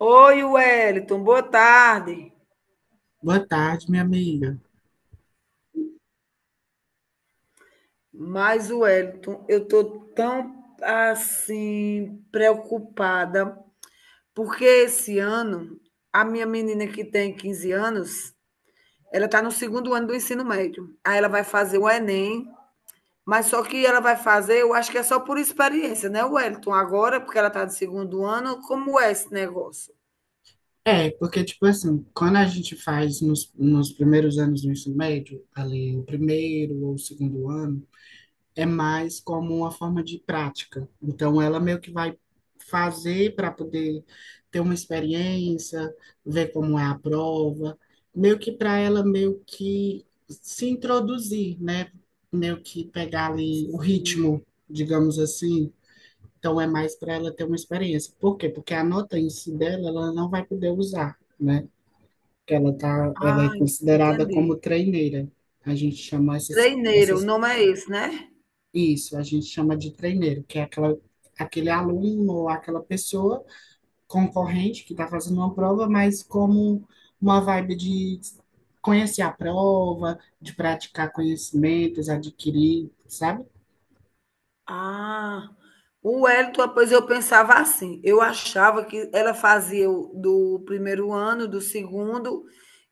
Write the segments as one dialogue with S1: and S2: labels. S1: Oi, Wellington, boa tarde.
S2: Boa tarde, minha amiga.
S1: Mas, Wellington, eu estou tão preocupada, porque esse ano a minha menina que tem 15 anos, ela está no segundo ano do ensino médio. Aí ela vai fazer o Enem, mas só que ela vai fazer, eu acho que é só por experiência, né, Wellington? Agora, porque ela está no segundo ano, como é esse negócio?
S2: É, porque, tipo assim, quando a gente faz nos primeiros anos do ensino médio, ali o primeiro ou o segundo ano, é mais como uma forma de prática. Então, ela meio que vai fazer para poder ter uma experiência, ver como é a prova, meio que para ela meio que se introduzir, né? Meio que pegar ali o
S1: Sim.
S2: ritmo, digamos assim. Então é mais para ela ter uma experiência. Por quê? Porque a nota em si dela, ela não vai poder usar, né? Porque ela tá, ela é
S1: Ah,
S2: considerada
S1: entendi.
S2: como treineira. A gente chama essas,
S1: Treineiro, o
S2: essas,
S1: nome é esse, né?
S2: isso, a gente chama de treineiro, que é aquele aluno ou aquela pessoa concorrente que está fazendo uma prova, mas como uma vibe de conhecer a prova, de praticar conhecimentos, adquirir, sabe?
S1: Ah, o Wellington, pois eu pensava assim, eu achava que ela fazia o do primeiro ano, do segundo,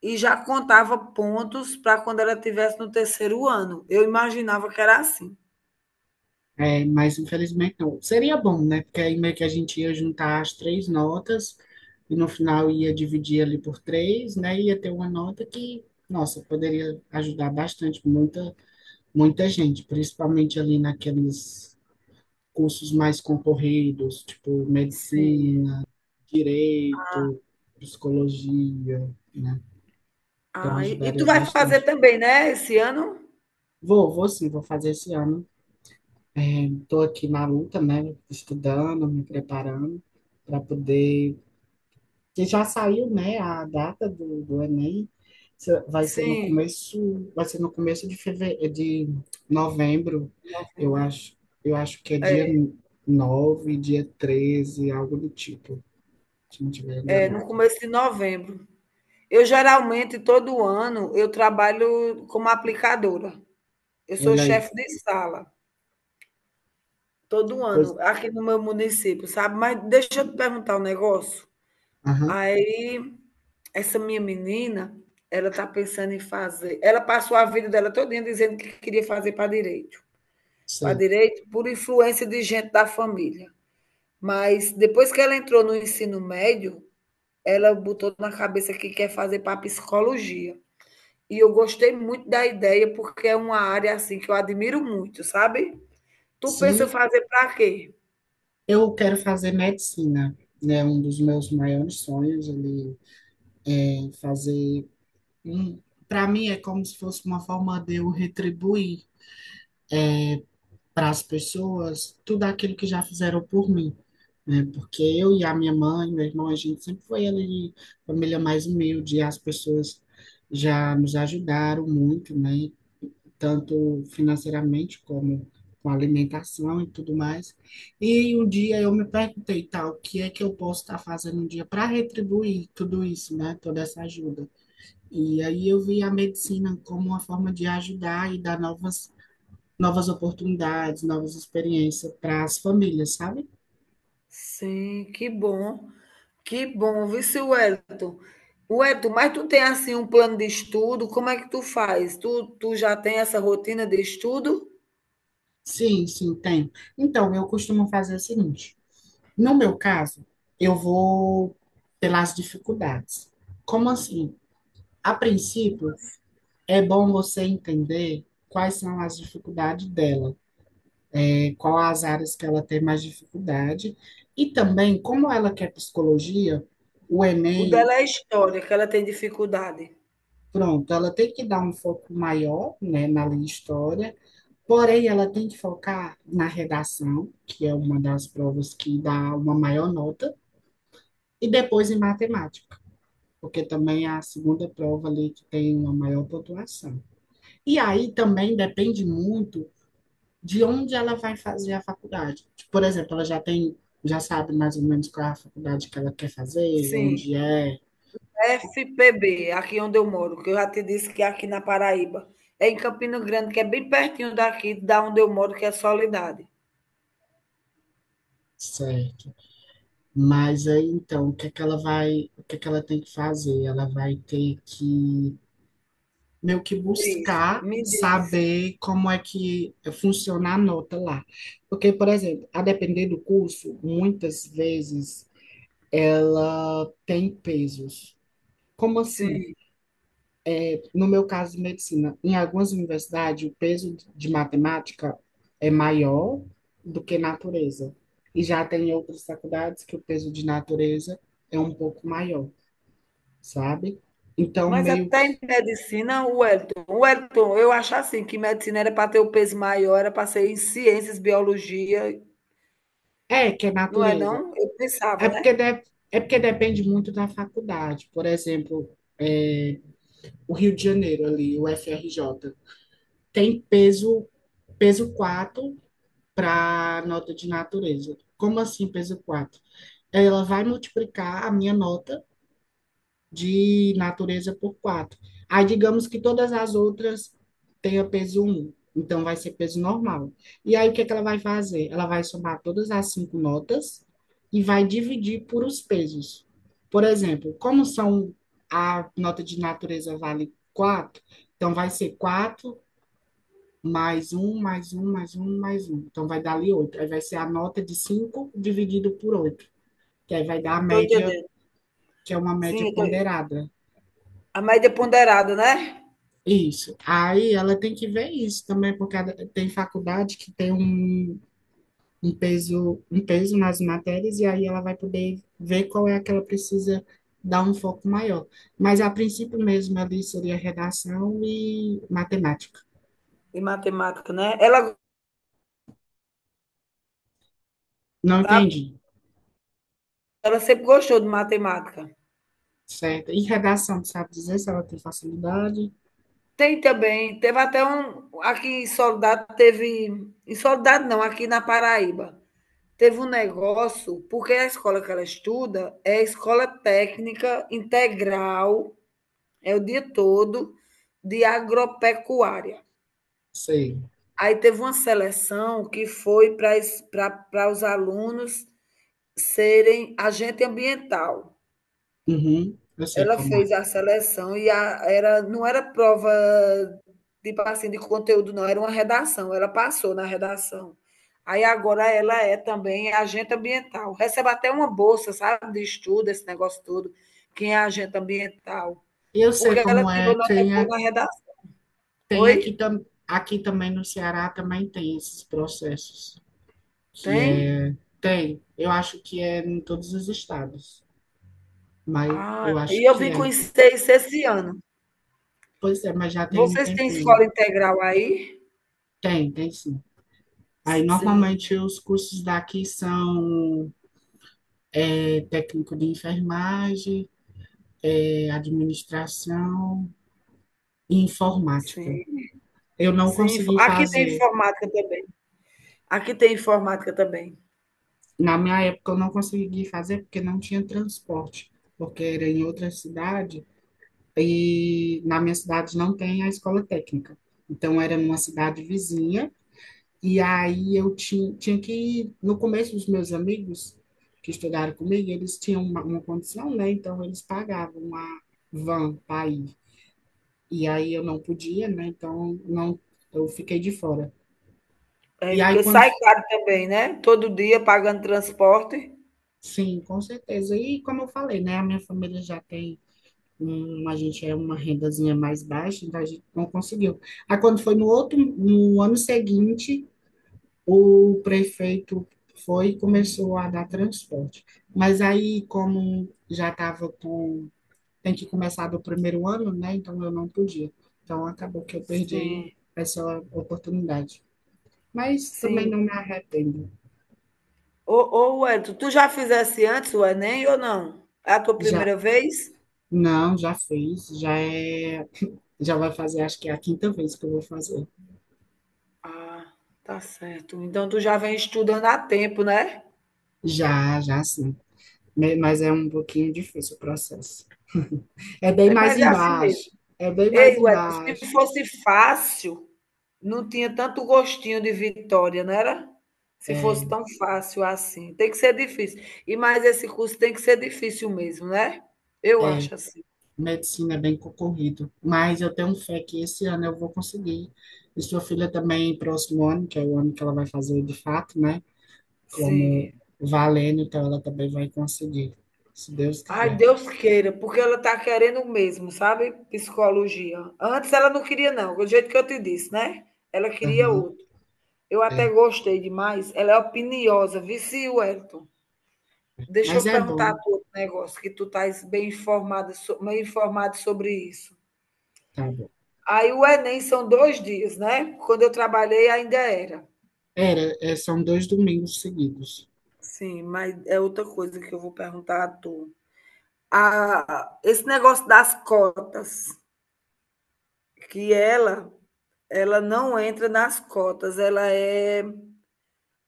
S1: e já contava pontos para quando ela estivesse no terceiro ano. Eu imaginava que era assim.
S2: É, mas infelizmente não. Seria bom, né? Porque aí meio que a gente ia juntar as três notas e no final ia dividir ali por três, né? Ia ter uma nota que, nossa, poderia ajudar bastante muita, muita gente, principalmente ali naqueles cursos mais concorridos, tipo
S1: Sim.
S2: medicina, direito, psicologia, né? Então
S1: Ah, e tu
S2: ajudaria
S1: vai fazer
S2: bastante.
S1: também, né, esse ano?
S2: Vou sim, vou fazer esse ano. Estou aqui na luta, né? Estudando, me preparando para poder. Que já saiu, né? A data do Enem. Vai ser no
S1: Sim.
S2: começo, de fevereiro, de novembro, eu
S1: Novembro.
S2: acho. Eu acho que é dia nove, dia 13, algo do tipo, se não estiver
S1: É, no
S2: enganado.
S1: começo de novembro. Eu geralmente, todo ano, eu trabalho como aplicadora. Eu sou
S2: Olha aí,
S1: chefe de sala. Todo um
S2: que coisa.
S1: ano, aqui no meu município, sabe? Mas deixa eu te perguntar um negócio.
S2: Aham,
S1: Aí, essa minha menina, ela tá pensando em fazer. Ela passou a vida dela todinha dizendo que queria fazer para direito. Para
S2: sei.
S1: direito, por influência de gente da família. Mas depois que ela entrou no ensino médio, ela botou na cabeça que quer fazer para psicologia. E eu gostei muito da ideia, porque é uma área assim que eu admiro muito, sabe? Tu pensa
S2: Sim,
S1: fazer para quê?
S2: eu quero fazer medicina, né? Um dos meus maiores sonhos ali, fazer. Para mim é como se fosse uma forma de eu retribuir para as pessoas tudo aquilo que já fizeram por mim, né? Porque eu e a minha mãe, meu irmão, a gente sempre foi ali família mais humilde, e as pessoas já nos ajudaram muito, né? Tanto financeiramente como com alimentação e tudo mais. E um dia eu me perguntei, tal, o que é que eu posso estar fazendo um dia para retribuir tudo isso, né? Toda essa ajuda. E aí eu vi a medicina como uma forma de ajudar e dar novas, novas oportunidades, novas experiências para as famílias, sabe?
S1: Sim, que bom. Que bom, vice Wellington. Wellington, mas tu tem assim um plano de estudo, como é que tu faz? Tu já tem essa rotina de estudo?
S2: Sim, sim, tem. Então, eu costumo fazer o seguinte: no meu caso, eu vou pelas dificuldades. Como assim? A princípio, é bom você entender quais são as dificuldades dela, né? Qual as áreas que ela tem mais dificuldade. E também, como ela quer psicologia, o
S1: O
S2: Enem.
S1: dela é história, que ela tem dificuldade.
S2: Pronto, ela tem que dar um foco maior, né, na linha história, porém ela tem que focar na redação, que é uma das provas que dá uma maior nota, e depois em matemática, porque também é a segunda prova ali que tem uma maior pontuação. E aí também depende muito de onde ela vai fazer a faculdade. Tipo, por exemplo, ela já já sabe mais ou menos qual é a faculdade que ela quer fazer,
S1: Sim,
S2: onde é.
S1: FPB, aqui onde eu moro, que eu já te disse que é aqui na Paraíba. É em Campina Grande, que é bem pertinho daqui, da onde eu moro, que é Soledade.
S2: Certo. Mas aí então, o que é que ela tem que fazer? Ela vai ter que meio que
S1: Diz,
S2: buscar
S1: me diz.
S2: saber como é que funciona a nota lá. Porque, por exemplo, a depender do curso, muitas vezes ela tem pesos. Como assim?
S1: Sim.
S2: No meu caso de medicina, em algumas universidades, o peso de matemática é maior do que natureza. E já tem outras faculdades que o peso de natureza é um pouco maior, sabe? Então,
S1: Mas
S2: meio
S1: até
S2: que.
S1: em medicina, o Wellington, eu acho assim, que medicina era para ter o peso maior, era para ser em ciências, biologia,
S2: É, que é
S1: não é
S2: natureza.
S1: não? Eu pensava,
S2: É
S1: né?
S2: porque, de- é porque depende muito da faculdade. Por exemplo, é, o Rio de Janeiro, ali, o F R J tem peso 4 para nota de natureza. Como assim, peso quatro? Ela vai multiplicar a minha nota de natureza por 4. Aí, digamos que todas as outras tenham peso um, então vai ser peso normal. E aí, o que é que ela vai fazer? Ela vai somar todas as cinco notas e vai dividir por os pesos. Por exemplo, como são a nota de natureza vale 4, então vai ser 4 mais um mais um mais um mais um. Então vai dar ali 8. Aí vai ser a nota de 5 dividido por oito, que aí vai dar a
S1: Não estou
S2: média,
S1: entendendo.
S2: que é uma
S1: Sim,
S2: média
S1: eu tô...
S2: ponderada.
S1: a média ponderada, né?
S2: Isso. Aí ela tem que ver isso também, porque tem faculdade que tem um peso nas matérias, e aí ela vai poder ver qual é a que ela precisa dar um foco maior. Mas a princípio mesmo ali seria redação e matemática.
S1: Em matemática, né? Ela,
S2: Não
S1: sabe,
S2: entendi.
S1: ela sempre gostou de matemática.
S2: Certo. E redação, sabe dizer se ela tem facilidade?
S1: Tem também, teve até um, aqui em Soledade, teve, em Soledade não, aqui na Paraíba, teve um negócio, porque a escola que ela estuda é a escola técnica integral. É o dia todo de agropecuária.
S2: Sei.
S1: Aí teve uma seleção que foi para os alunos serem agente ambiental.
S2: Uhum, eu sei
S1: Ela
S2: como é.
S1: fez a seleção era, não era prova tipo assim, de conteúdo, não, era uma redação. Ela passou na redação. Aí agora ela é também agente ambiental. Recebe até uma bolsa, sabe, de estudo, esse negócio todo. Quem é agente ambiental?
S2: Eu sei
S1: Porque ela
S2: como
S1: tirou
S2: é.
S1: nota
S2: Tem,
S1: boa na redação.
S2: tem aqui,
S1: Oi?
S2: aqui também no Ceará também tem esses processos. Que
S1: Tem?
S2: é. Tem, eu acho que é em todos os estados, mas
S1: Ah,
S2: eu acho
S1: e eu
S2: que
S1: vim com
S2: é.
S1: os esse ano.
S2: Pois é, mas já tem um
S1: Vocês têm
S2: tempinho.
S1: escola integral aí?
S2: Tem, tem sim. Aí,
S1: Sim,
S2: normalmente, os cursos daqui são, técnico de enfermagem, administração e informática.
S1: sim,
S2: Eu não
S1: sim. Fo
S2: consegui
S1: aqui tem
S2: fazer.
S1: informática também. Aqui tem informática também.
S2: Na minha época, eu não consegui fazer porque não tinha transporte, porque era em outra cidade e na minha cidade não tem a escola técnica. Então, era numa cidade vizinha. E aí eu tinha que, no começo, os meus amigos que estudaram comigo, eles tinham uma condição, né? Então eles pagavam uma van para ir. E aí eu não podia, né? Então não, eu fiquei de fora.
S1: É,
S2: E aí
S1: porque
S2: quando,
S1: sai caro também, né, todo dia pagando transporte.
S2: sim, com certeza. E como eu falei, né? A minha família já a gente é uma rendazinha mais baixa, então a gente não conseguiu. Aí quando foi no ano seguinte, o prefeito foi e começou a dar transporte. Mas aí, como já estava com. Tem que começar do primeiro ano, né? Então eu não podia. Então acabou que eu perdi aí
S1: Sim,
S2: essa oportunidade. Mas também
S1: sim.
S2: não me arrependo.
S1: Ô Wellington, tu já fizesse antes o Enem ou não? É a tua
S2: Já.
S1: primeira vez?
S2: Não, já fiz. Já é. Já vai fazer, acho que é a quinta vez que eu vou fazer.
S1: Ah, tá certo. Então tu já vem estudando há tempo, né.
S2: Já, já sim. Mas é um pouquinho difícil o processo. É bem
S1: É,
S2: mais
S1: mas é assim mesmo.
S2: embaixo. É bem mais
S1: Ei, Wellington, se
S2: embaixo.
S1: fosse fácil, não tinha tanto gostinho de vitória, não era? Se
S2: É,
S1: fosse tão fácil assim. Tem que ser difícil. E mais esse curso tem que ser difícil mesmo, né? Eu
S2: é.
S1: acho assim.
S2: Medicina é bem concorrido, mas eu tenho fé que esse ano eu vou conseguir. E sua filha também, próximo ano, que é o ano que ela vai fazer de fato, né? Como
S1: Sim.
S2: valendo, então ela também vai conseguir, se Deus
S1: Ai,
S2: quiser.
S1: Deus queira, porque ela está querendo mesmo, sabe? Psicologia. Antes ela não queria, não, do jeito que eu te disse, né? Ela queria
S2: Aham,
S1: outro. Eu até
S2: é.
S1: gostei demais. Ela é opiniosa, viu, Wellington. Deixa eu
S2: Mas é
S1: perguntar a
S2: bom,
S1: tu outro negócio, que tu estás bem informada, bem informado sobre isso.
S2: tá bom.
S1: Aí o Enem são dois dias, né? Quando eu trabalhei ainda era.
S2: Era, é, são 2 domingos seguidos.
S1: Sim, mas é outra coisa que eu vou perguntar a tu. Ah, esse negócio das cotas, que ela não entra nas cotas, ela é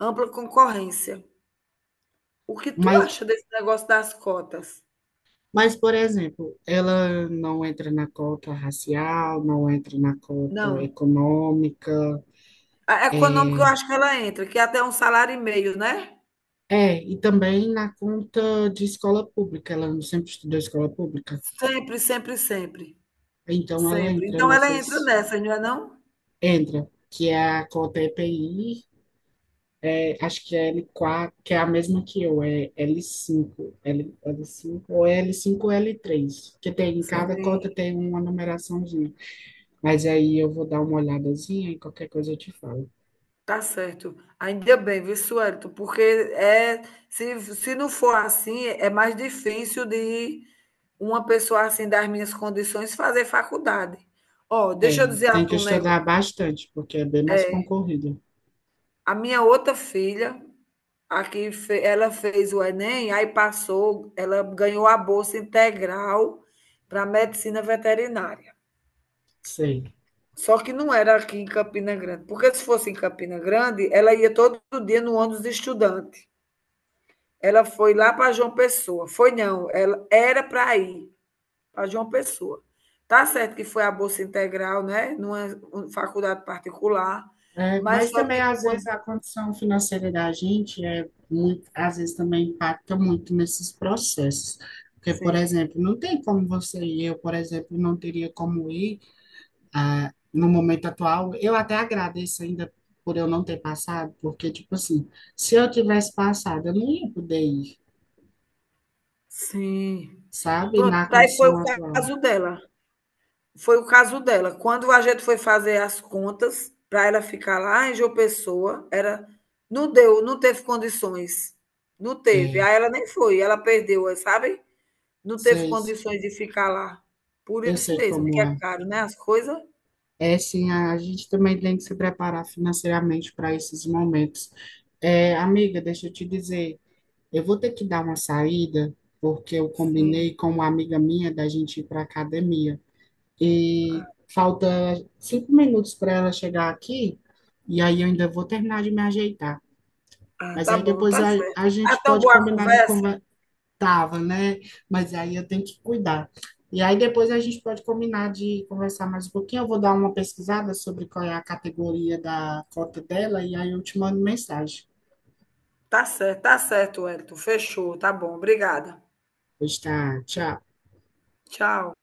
S1: ampla concorrência. O que tu
S2: Mas,
S1: acha desse negócio das cotas?
S2: mas, por exemplo, ela não entra na cota racial, não entra na cota
S1: Não.
S2: econômica.
S1: A econômica
S2: É,
S1: eu acho que ela entra, que é até um salário e meio, né?
S2: É, e também na conta de escola pública, ela não sempre estudou escola pública,
S1: Sempre, sempre, sempre,
S2: então ela
S1: sempre.
S2: entra
S1: Então ela entra nessa não é não?
S2: entra, que é a cota EPI, acho que é L4 que é a mesma que eu, L5, L, cinco l l 5 ou L5 ou L3 que tem, em cada
S1: Sim,
S2: cota tem uma numeraçãozinha, mas aí eu vou dar uma olhadazinha e qualquer coisa eu te falo.
S1: tá certo. Ainda bem, viu, Suelto? Porque é, se não for assim, é mais difícil de uma pessoa assim das minhas condições fazer faculdade. Ó,
S2: É,
S1: deixa eu dizer a
S2: tem que
S1: tu um negócio.
S2: estudar bastante, porque é bem mais concorrido,
S1: A minha outra filha, aqui, ela fez o Enem, aí passou, ela ganhou a bolsa integral para medicina veterinária.
S2: sei.
S1: Só que não era aqui em Campina Grande, porque se fosse em Campina Grande, ela ia todo dia no ônibus de estudante. Ela foi lá para João Pessoa. Foi não, ela era para ir para João Pessoa. Tá certo que foi a bolsa integral, né, numa um, faculdade particular,
S2: É,
S1: mas
S2: mas
S1: só
S2: também,
S1: que
S2: às
S1: quando
S2: vezes, a condição financeira da gente às vezes também impacta muito nesses processos. Porque, por
S1: sim,
S2: exemplo, não tem como você e eu, por exemplo, não teria como ir no momento atual. Eu até agradeço ainda por eu não ter passado, porque, tipo assim, se eu tivesse passado, eu não ia poder ir,
S1: sim.
S2: sabe?
S1: Pronto,
S2: Na
S1: aí foi
S2: condição
S1: o
S2: atual.
S1: caso dela. Foi o caso dela. Quando a gente foi fazer as contas para ela ficar lá em João Pessoa, era não deu, não teve condições. Não teve.
S2: É,
S1: Aí ela nem foi, ela perdeu, sabe? Não teve
S2: vocês,
S1: condições de ficar lá. Por
S2: eu
S1: isso
S2: sei
S1: mesmo, que
S2: como
S1: é
S2: é.
S1: caro, né? As coisas.
S2: É, sim, a gente também tem que se preparar financeiramente para esses momentos. É, amiga, deixa eu te dizer, eu vou ter que dar uma saída, porque eu
S1: Sim.
S2: combinei com uma amiga minha da gente ir para a academia. E falta 5 minutos para ela chegar aqui, e aí eu ainda vou terminar de me ajeitar.
S1: Ah,
S2: Mas
S1: tá
S2: aí
S1: bom,
S2: depois
S1: tá
S2: a, a
S1: certo. Tá
S2: gente
S1: tão
S2: pode
S1: boa a
S2: combinar de.
S1: conversa?
S2: Tava, né? Mas aí eu tenho que cuidar. E aí depois a gente pode combinar de conversar mais um pouquinho. Eu vou dar uma pesquisada sobre qual é a categoria da cota dela e aí eu te mando mensagem.
S1: Tá certo, Wellington. Fechou, tá bom. Obrigada.
S2: Pois tá, tchau.
S1: Tchau.